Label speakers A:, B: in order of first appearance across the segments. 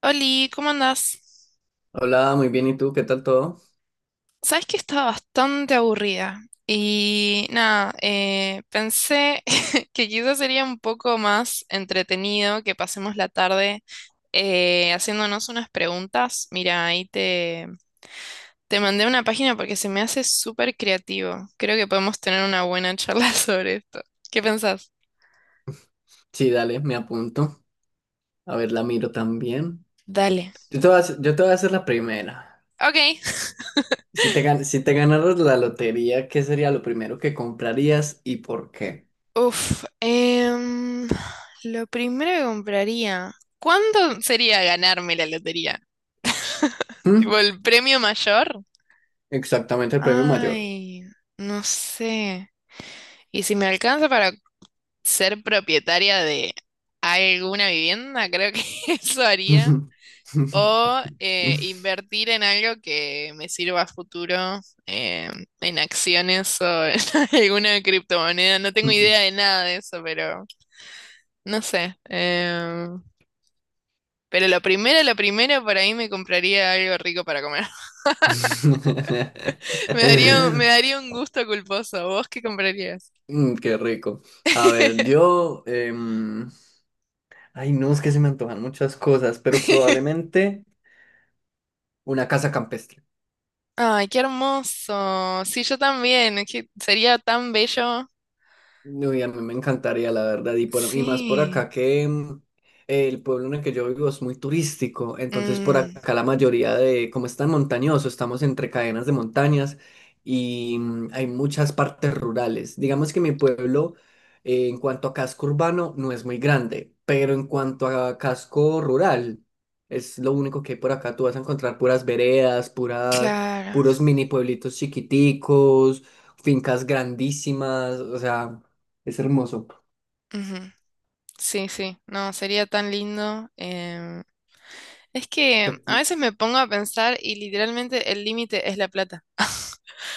A: Oli, ¿cómo andás?
B: Hola, muy bien. ¿Y tú? ¿Qué tal todo?
A: Sabes que estaba bastante aburrida y nada, pensé que quizás sería un poco más entretenido que pasemos la tarde haciéndonos unas preguntas. Mira, te mandé una página porque se me hace súper creativo. Creo que podemos tener una buena charla sobre esto. ¿Qué pensás?
B: Sí, dale, me apunto. A ver, la miro también.
A: Dale.
B: Yo te voy a hacer, yo te voy a hacer la primera.
A: Ok.
B: Si te ganaras la lotería, ¿qué sería lo primero que comprarías y por qué?
A: Uf, em, lo primero que compraría, ¿cuánto sería ganarme la lotería? Tipo
B: ¿Mm?
A: el premio mayor.
B: Exactamente el premio mayor.
A: Ay, no sé. Y si me alcanza para ser propietaria de alguna vivienda, creo que eso haría. O invertir en algo que me sirva a futuro, eh, en acciones o en alguna criptomoneda. No tengo idea de nada de eso, pero. No sé. Pero la primera, por ahí me compraría algo rico para comer. Me daría un gusto culposo. ¿Vos qué comprarías?
B: Mm, qué rico. A ver, yo... ay, no, es que se me antojan muchas cosas, pero probablemente una casa campestre.
A: Ay, qué hermoso. Sí, yo también. Es que sería tan bello.
B: Uy, a mí me encantaría, la verdad, y, y más por
A: Sí.
B: acá que el pueblo en el que yo vivo es muy turístico, entonces por
A: Mm,
B: acá la mayoría de, como es tan montañoso, estamos entre cadenas de montañas y hay muchas partes rurales. Digamos que mi pueblo, en cuanto a casco urbano, no es muy grande, pero en cuanto a casco rural, es lo único que hay por acá, tú vas a encontrar puras veredas, puras,
A: claro.
B: puros mini pueblitos chiquiticos, fincas grandísimas, o sea... Es hermoso.
A: Ujú. Sí, sí. No, sería tan lindo. Es que a
B: Pe-
A: veces me pongo a pensar y literalmente el límite es la plata.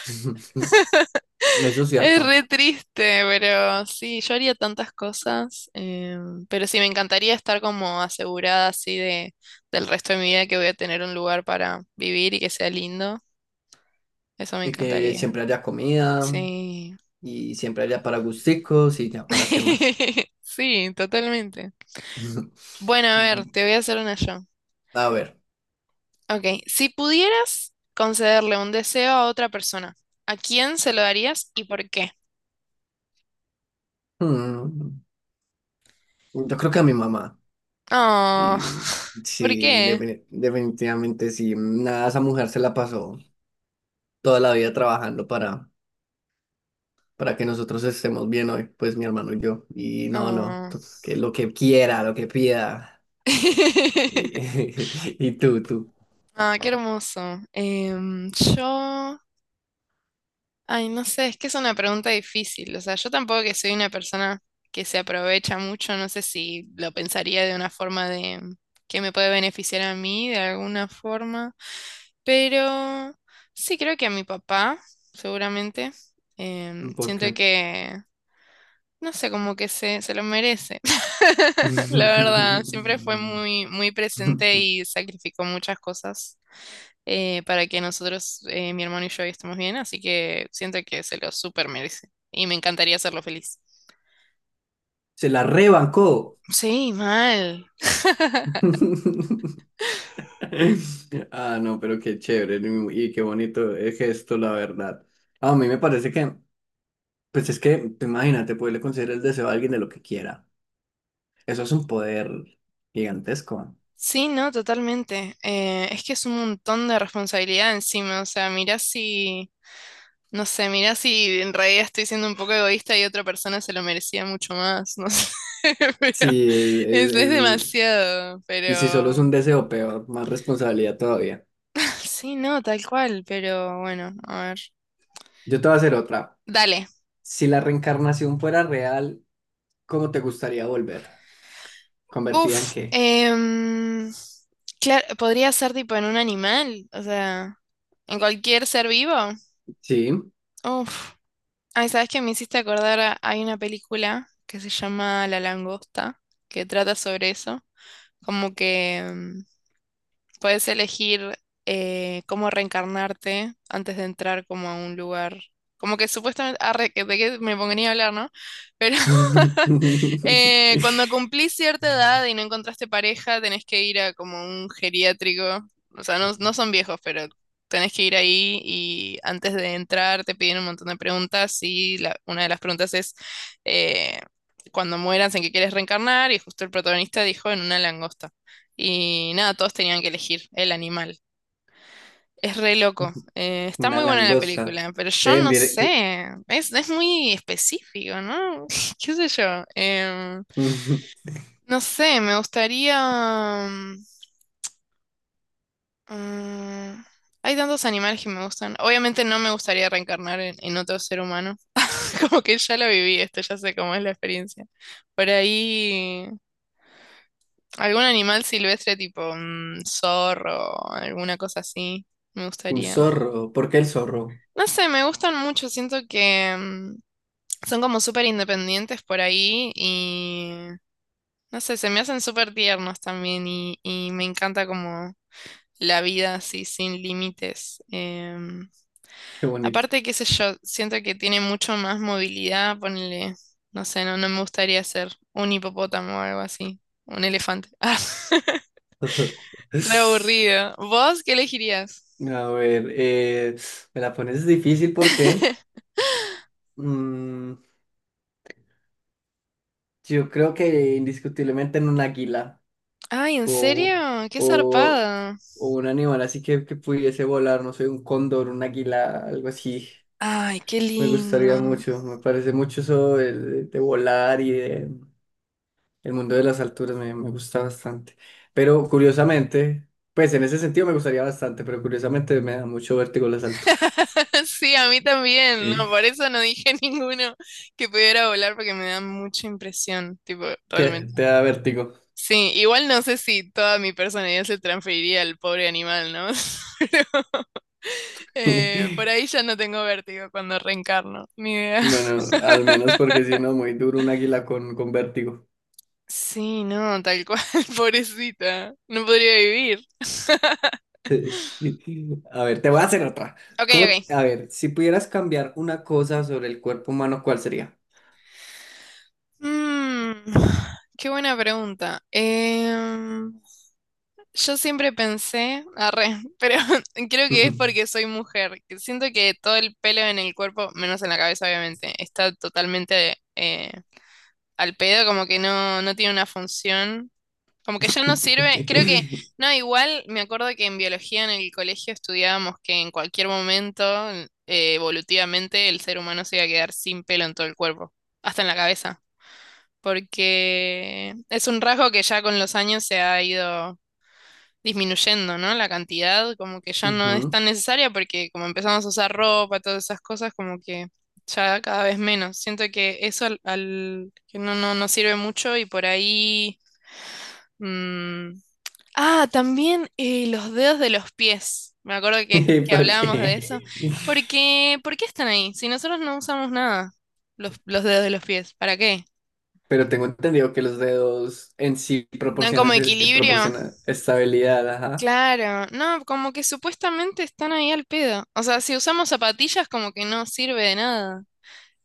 B: Eso es
A: Es
B: cierto.
A: re triste, pero sí, yo haría tantas cosas, pero sí, me encantaría estar como asegurada así del resto de mi vida que voy a tener un lugar para vivir y que sea lindo. Eso me
B: Y que
A: encantaría.
B: siempre haya comida
A: Sí.
B: y siempre haya para gusticos y ya para qué más.
A: Sí, totalmente. Bueno, a ver, te voy a hacer una yo.
B: A ver.
A: Ok, si pudieras concederle un deseo a otra persona, ¿a quién se lo darías y por qué?
B: mm, Yo creo que a mi mamá.
A: Oh.
B: Y
A: ¿Por
B: sí,
A: qué?
B: definitivamente sí. Nada, esa mujer se la pasó toda la vida trabajando para que nosotros estemos bien hoy, pues mi hermano y yo. Y no, no,
A: Oh.
B: que lo que quiera, lo que pida. Y, y tú.
A: Ah, qué hermoso. Em, yo, ay, no sé, es que es una pregunta difícil. O sea, yo tampoco que soy una persona que se aprovecha mucho, no sé si lo pensaría de una forma de que me puede beneficiar a mí de alguna forma, pero sí creo que a mi papá, seguramente. Em,
B: ¿Por
A: siento
B: qué?
A: que, no sé, como que se lo merece. La verdad, siempre fue muy, muy presente y sacrificó muchas cosas para que nosotros, mi hermano y yo, estemos bien, así que siento que se lo súper merece y me encantaría hacerlo feliz.
B: Se la rebancó.
A: Sí, mal.
B: Ah, no, pero qué chévere y qué bonito el gesto, la verdad. Ah, a mí me parece que, pues es que, tú imagínate, poderle conceder el deseo a alguien de lo que quiera. Eso es un poder gigantesco.
A: Sí, no, totalmente. Es que es un montón de responsabilidad encima, o sea, mirá si, no sé, mirá si en realidad estoy siendo un poco egoísta y otra persona se lo merecía mucho más, no sé, pero
B: Sí, es, es-
A: es
B: es-
A: demasiado,
B: Y si solo es
A: pero...
B: un deseo, peor, más responsabilidad todavía.
A: Sí, no, tal cual, pero bueno, a ver.
B: Yo te voy a hacer otra.
A: Dale.
B: Si la reencarnación fuera real, ¿cómo te gustaría volver? ¿Convertida en
A: Uf,
B: qué?
A: em, claro, podría ser tipo en un animal, o sea, en cualquier ser vivo.
B: Sí.
A: Uf, ay, ¿sabes qué me hiciste acordar? Hay una película que se llama La Langosta, que trata sobre eso, como que puedes elegir cómo reencarnarte antes de entrar como a un lugar. Como que supuestamente, arre, de qué me pongo ni a hablar, ¿no? Pero Cuando cumplís cierta edad y no encontraste pareja, tenés que ir a como un geriátrico. O sea, no, no son viejos, pero tenés que ir ahí y antes de entrar te piden un montón de preguntas y una de las preguntas es eh, cuando mueras en qué quieres reencarnar y justo el protagonista dijo en una langosta. Y nada, todos tenían que elegir el animal. Es re loco. Está
B: Una
A: muy buena la
B: langosta.
A: película, pero yo
B: Ven,
A: no
B: mire,
A: sé. Es muy específico, ¿no? ¿Qué sé yo?
B: un
A: No sé, me gustaría... mm, hay tantos animales que me gustan. Obviamente no me gustaría reencarnar en otro ser humano. Como que ya lo viví esto, ya sé cómo es la experiencia. Por ahí, algún animal silvestre tipo zorro, alguna cosa así, me gustaría.
B: zorro. ¿Por qué el zorro?
A: No sé, me gustan mucho, siento que son como súper independientes por ahí y... No sé, se me hacen súper tiernos también y me encanta como la vida así sin límites. Em,
B: Qué bonito.
A: aparte, qué sé yo, siento que tiene mucho más movilidad, ponele, no sé, no me gustaría ser un hipopótamo o algo así, un elefante.
B: A
A: Ah, re aburrido. ¿Vos qué elegirías?
B: ver, me la pones difícil porque mm, yo creo que indiscutiblemente en un águila
A: Ay, ¿en serio?
B: o,
A: Qué
B: o,
A: zarpada.
B: o un animal así que pudiese volar, no sé, un cóndor, un águila, algo así.
A: Ay, qué
B: Me
A: lindo.
B: gustaría mucho, me parece mucho eso de, de volar y de, el mundo de las alturas me, me gusta bastante. Pero curiosamente, pues en ese sentido me gustaría bastante, pero curiosamente me da mucho vértigo las alturas.
A: Sí, a mí también,
B: Sí.
A: no, por eso no dije ninguno que pudiera volar porque me da mucha impresión, tipo,
B: Te
A: realmente.
B: da vértigo.
A: Sí, igual no sé si toda mi personalidad se transferiría al pobre animal, ¿no? Pero, por ahí ya no tengo vértigo cuando reencarno, ni idea.
B: Bueno, al menos porque si no, muy duro un águila con vértigo.
A: Sí, no, tal cual, pobrecita, no podría vivir.
B: A ver, te voy a hacer otra.
A: Ok,
B: ¿Cómo, a
A: ok.
B: ver, si pudieras cambiar una cosa sobre el cuerpo humano, ¿cuál sería?
A: Mm, qué buena pregunta. Em, yo siempre pensé, arre, pero creo que es
B: Ujú.
A: porque soy mujer, que siento que todo el pelo en el cuerpo, menos en la cabeza obviamente, está totalmente al pedo, como que no, no tiene una función. Como que ya no sirve, creo que, no, igual me acuerdo que en biología en el colegio estudiábamos que en cualquier momento, eh, evolutivamente, el ser humano se iba a quedar sin pelo en todo el cuerpo, hasta en la cabeza, porque es un rasgo que ya con los años se ha ido disminuyendo, ¿no? La cantidad como que ya no es tan necesaria porque como empezamos a usar ropa, todas esas cosas, como que ya cada vez menos. Siento que eso que no, no, no sirve mucho y por ahí... mm, ah, también los dedos de los pies. Me acuerdo que
B: ¿Por
A: hablábamos de eso.
B: qué?
A: Porque, ¿por qué están ahí? Si nosotros no usamos nada, los dedos de los pies, ¿para qué?
B: Pero tengo entendido que los dedos en sí
A: ¿Dan
B: proporcionan,
A: como equilibrio?
B: proporcionan estabilidad, ajá.
A: Claro, no, como que supuestamente están ahí al pedo. O sea, si usamos zapatillas como que no sirve de nada.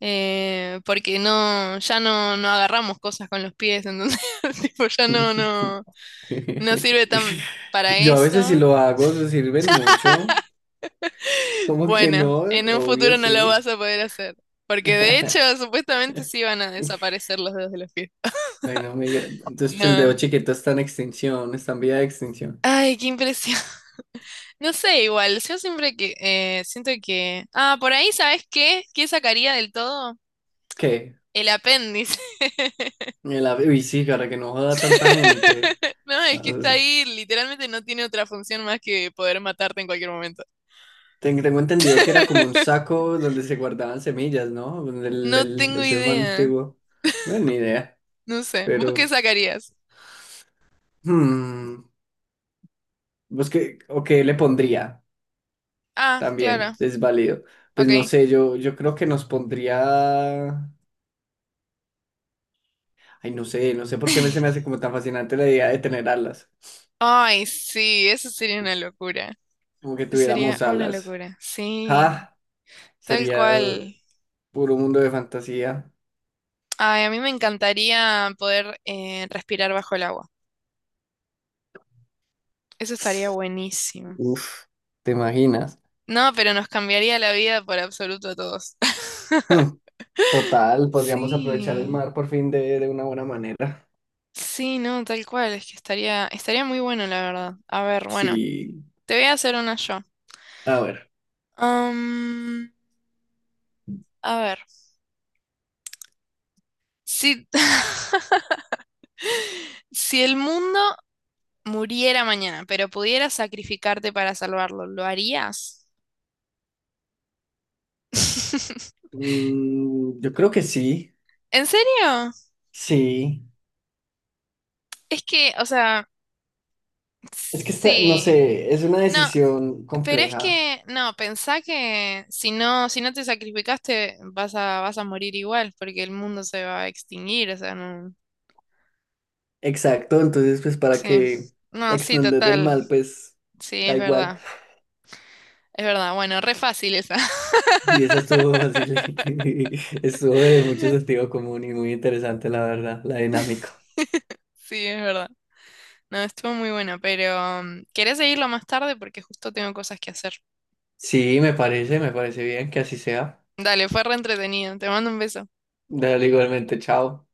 A: Porque no, ya no, no agarramos cosas con los pies, entonces tipo, ya no, no sirve tan para
B: Yo a veces si
A: eso.
B: lo hago, se sirven mucho. ¿Cómo que
A: Bueno,
B: no?
A: en un
B: Obvio,
A: futuro no lo
B: sí.
A: vas a poder hacer. Porque de hecho, supuestamente sí van a desaparecer los dedos de los pies.
B: Ay, no amiga. Entonces pues, el dedo
A: No.
B: chiquito está en extinción, está en vía de extinción.
A: Ay, qué impresión. No sé, igual, yo siempre que siento que. Ah, por ahí, ¿sabes qué? ¿Qué sacaría del todo?
B: ¿Qué?
A: El apéndice.
B: El uy, sí, para que no joda tanta gente.
A: No, es
B: Ah,
A: que está ahí, literalmente no tiene otra función más que poder matarte en cualquier momento.
B: tengo entendido que era como un saco donde se guardaban semillas, ¿no? El,
A: No tengo
B: el ser humano
A: idea.
B: antiguo. Bueno, ni idea.
A: No sé. ¿Vos qué
B: Pero,
A: sacarías?
B: hmm, pues que, o qué le pondría
A: Ah, claro.
B: también, es válido. Pues
A: Ok.
B: no sé, yo creo que nos pondría. Ay, no sé, no sé por qué se me hace como tan fascinante la idea de tener alas.
A: Ay, sí, eso sería una locura.
B: Como que
A: Eso sería
B: tuviéramos
A: una
B: alas.
A: locura. Sí,
B: Ah,
A: tal
B: sería
A: cual.
B: puro mundo de fantasía.
A: Ay, a mí me encantaría poder respirar bajo el agua. Eso estaría buenísimo.
B: Uf, ¿te imaginas?
A: No, pero nos cambiaría la vida por absoluto a todos.
B: Hmm, total, podríamos aprovechar el
A: Sí.
B: mar por fin de una buena manera.
A: Sí, no, tal cual, es que estaría muy bueno, la verdad. A ver, bueno,
B: Sí,
A: te voy a hacer una yo.
B: a ver.
A: Am, a ver, si, si el mundo muriera mañana, pero pudieras sacrificarte para salvarlo, ¿lo harías?
B: Yo creo que sí,
A: ¿En serio?
B: sí.
A: Es que, o sea,
B: Es que está, no
A: sí.
B: sé, es una
A: No,
B: decisión
A: pero es
B: compleja.
A: que, no, pensá que si no, si no te sacrificaste, vas a morir igual, porque el mundo se va a extinguir, o sea, no.
B: Exacto, entonces pues para
A: Sí.
B: que la
A: No, sí,
B: extender del
A: total.
B: mal, pues
A: Sí,
B: da
A: es
B: igual.
A: verdad. Es verdad. Bueno, re fácil esa.
B: Sí, esa estuvo fácil. Estuvo de mucho sentido común y muy interesante, la verdad, la dinámica.
A: Sí, es verdad. No, estuvo muy bueno, pero ¿querés seguirlo más tarde? Porque justo tengo cosas que hacer.
B: Sí, me parece bien que así sea.
A: Dale, fue re entretenido. Te mando un beso.
B: Dale igualmente, chao.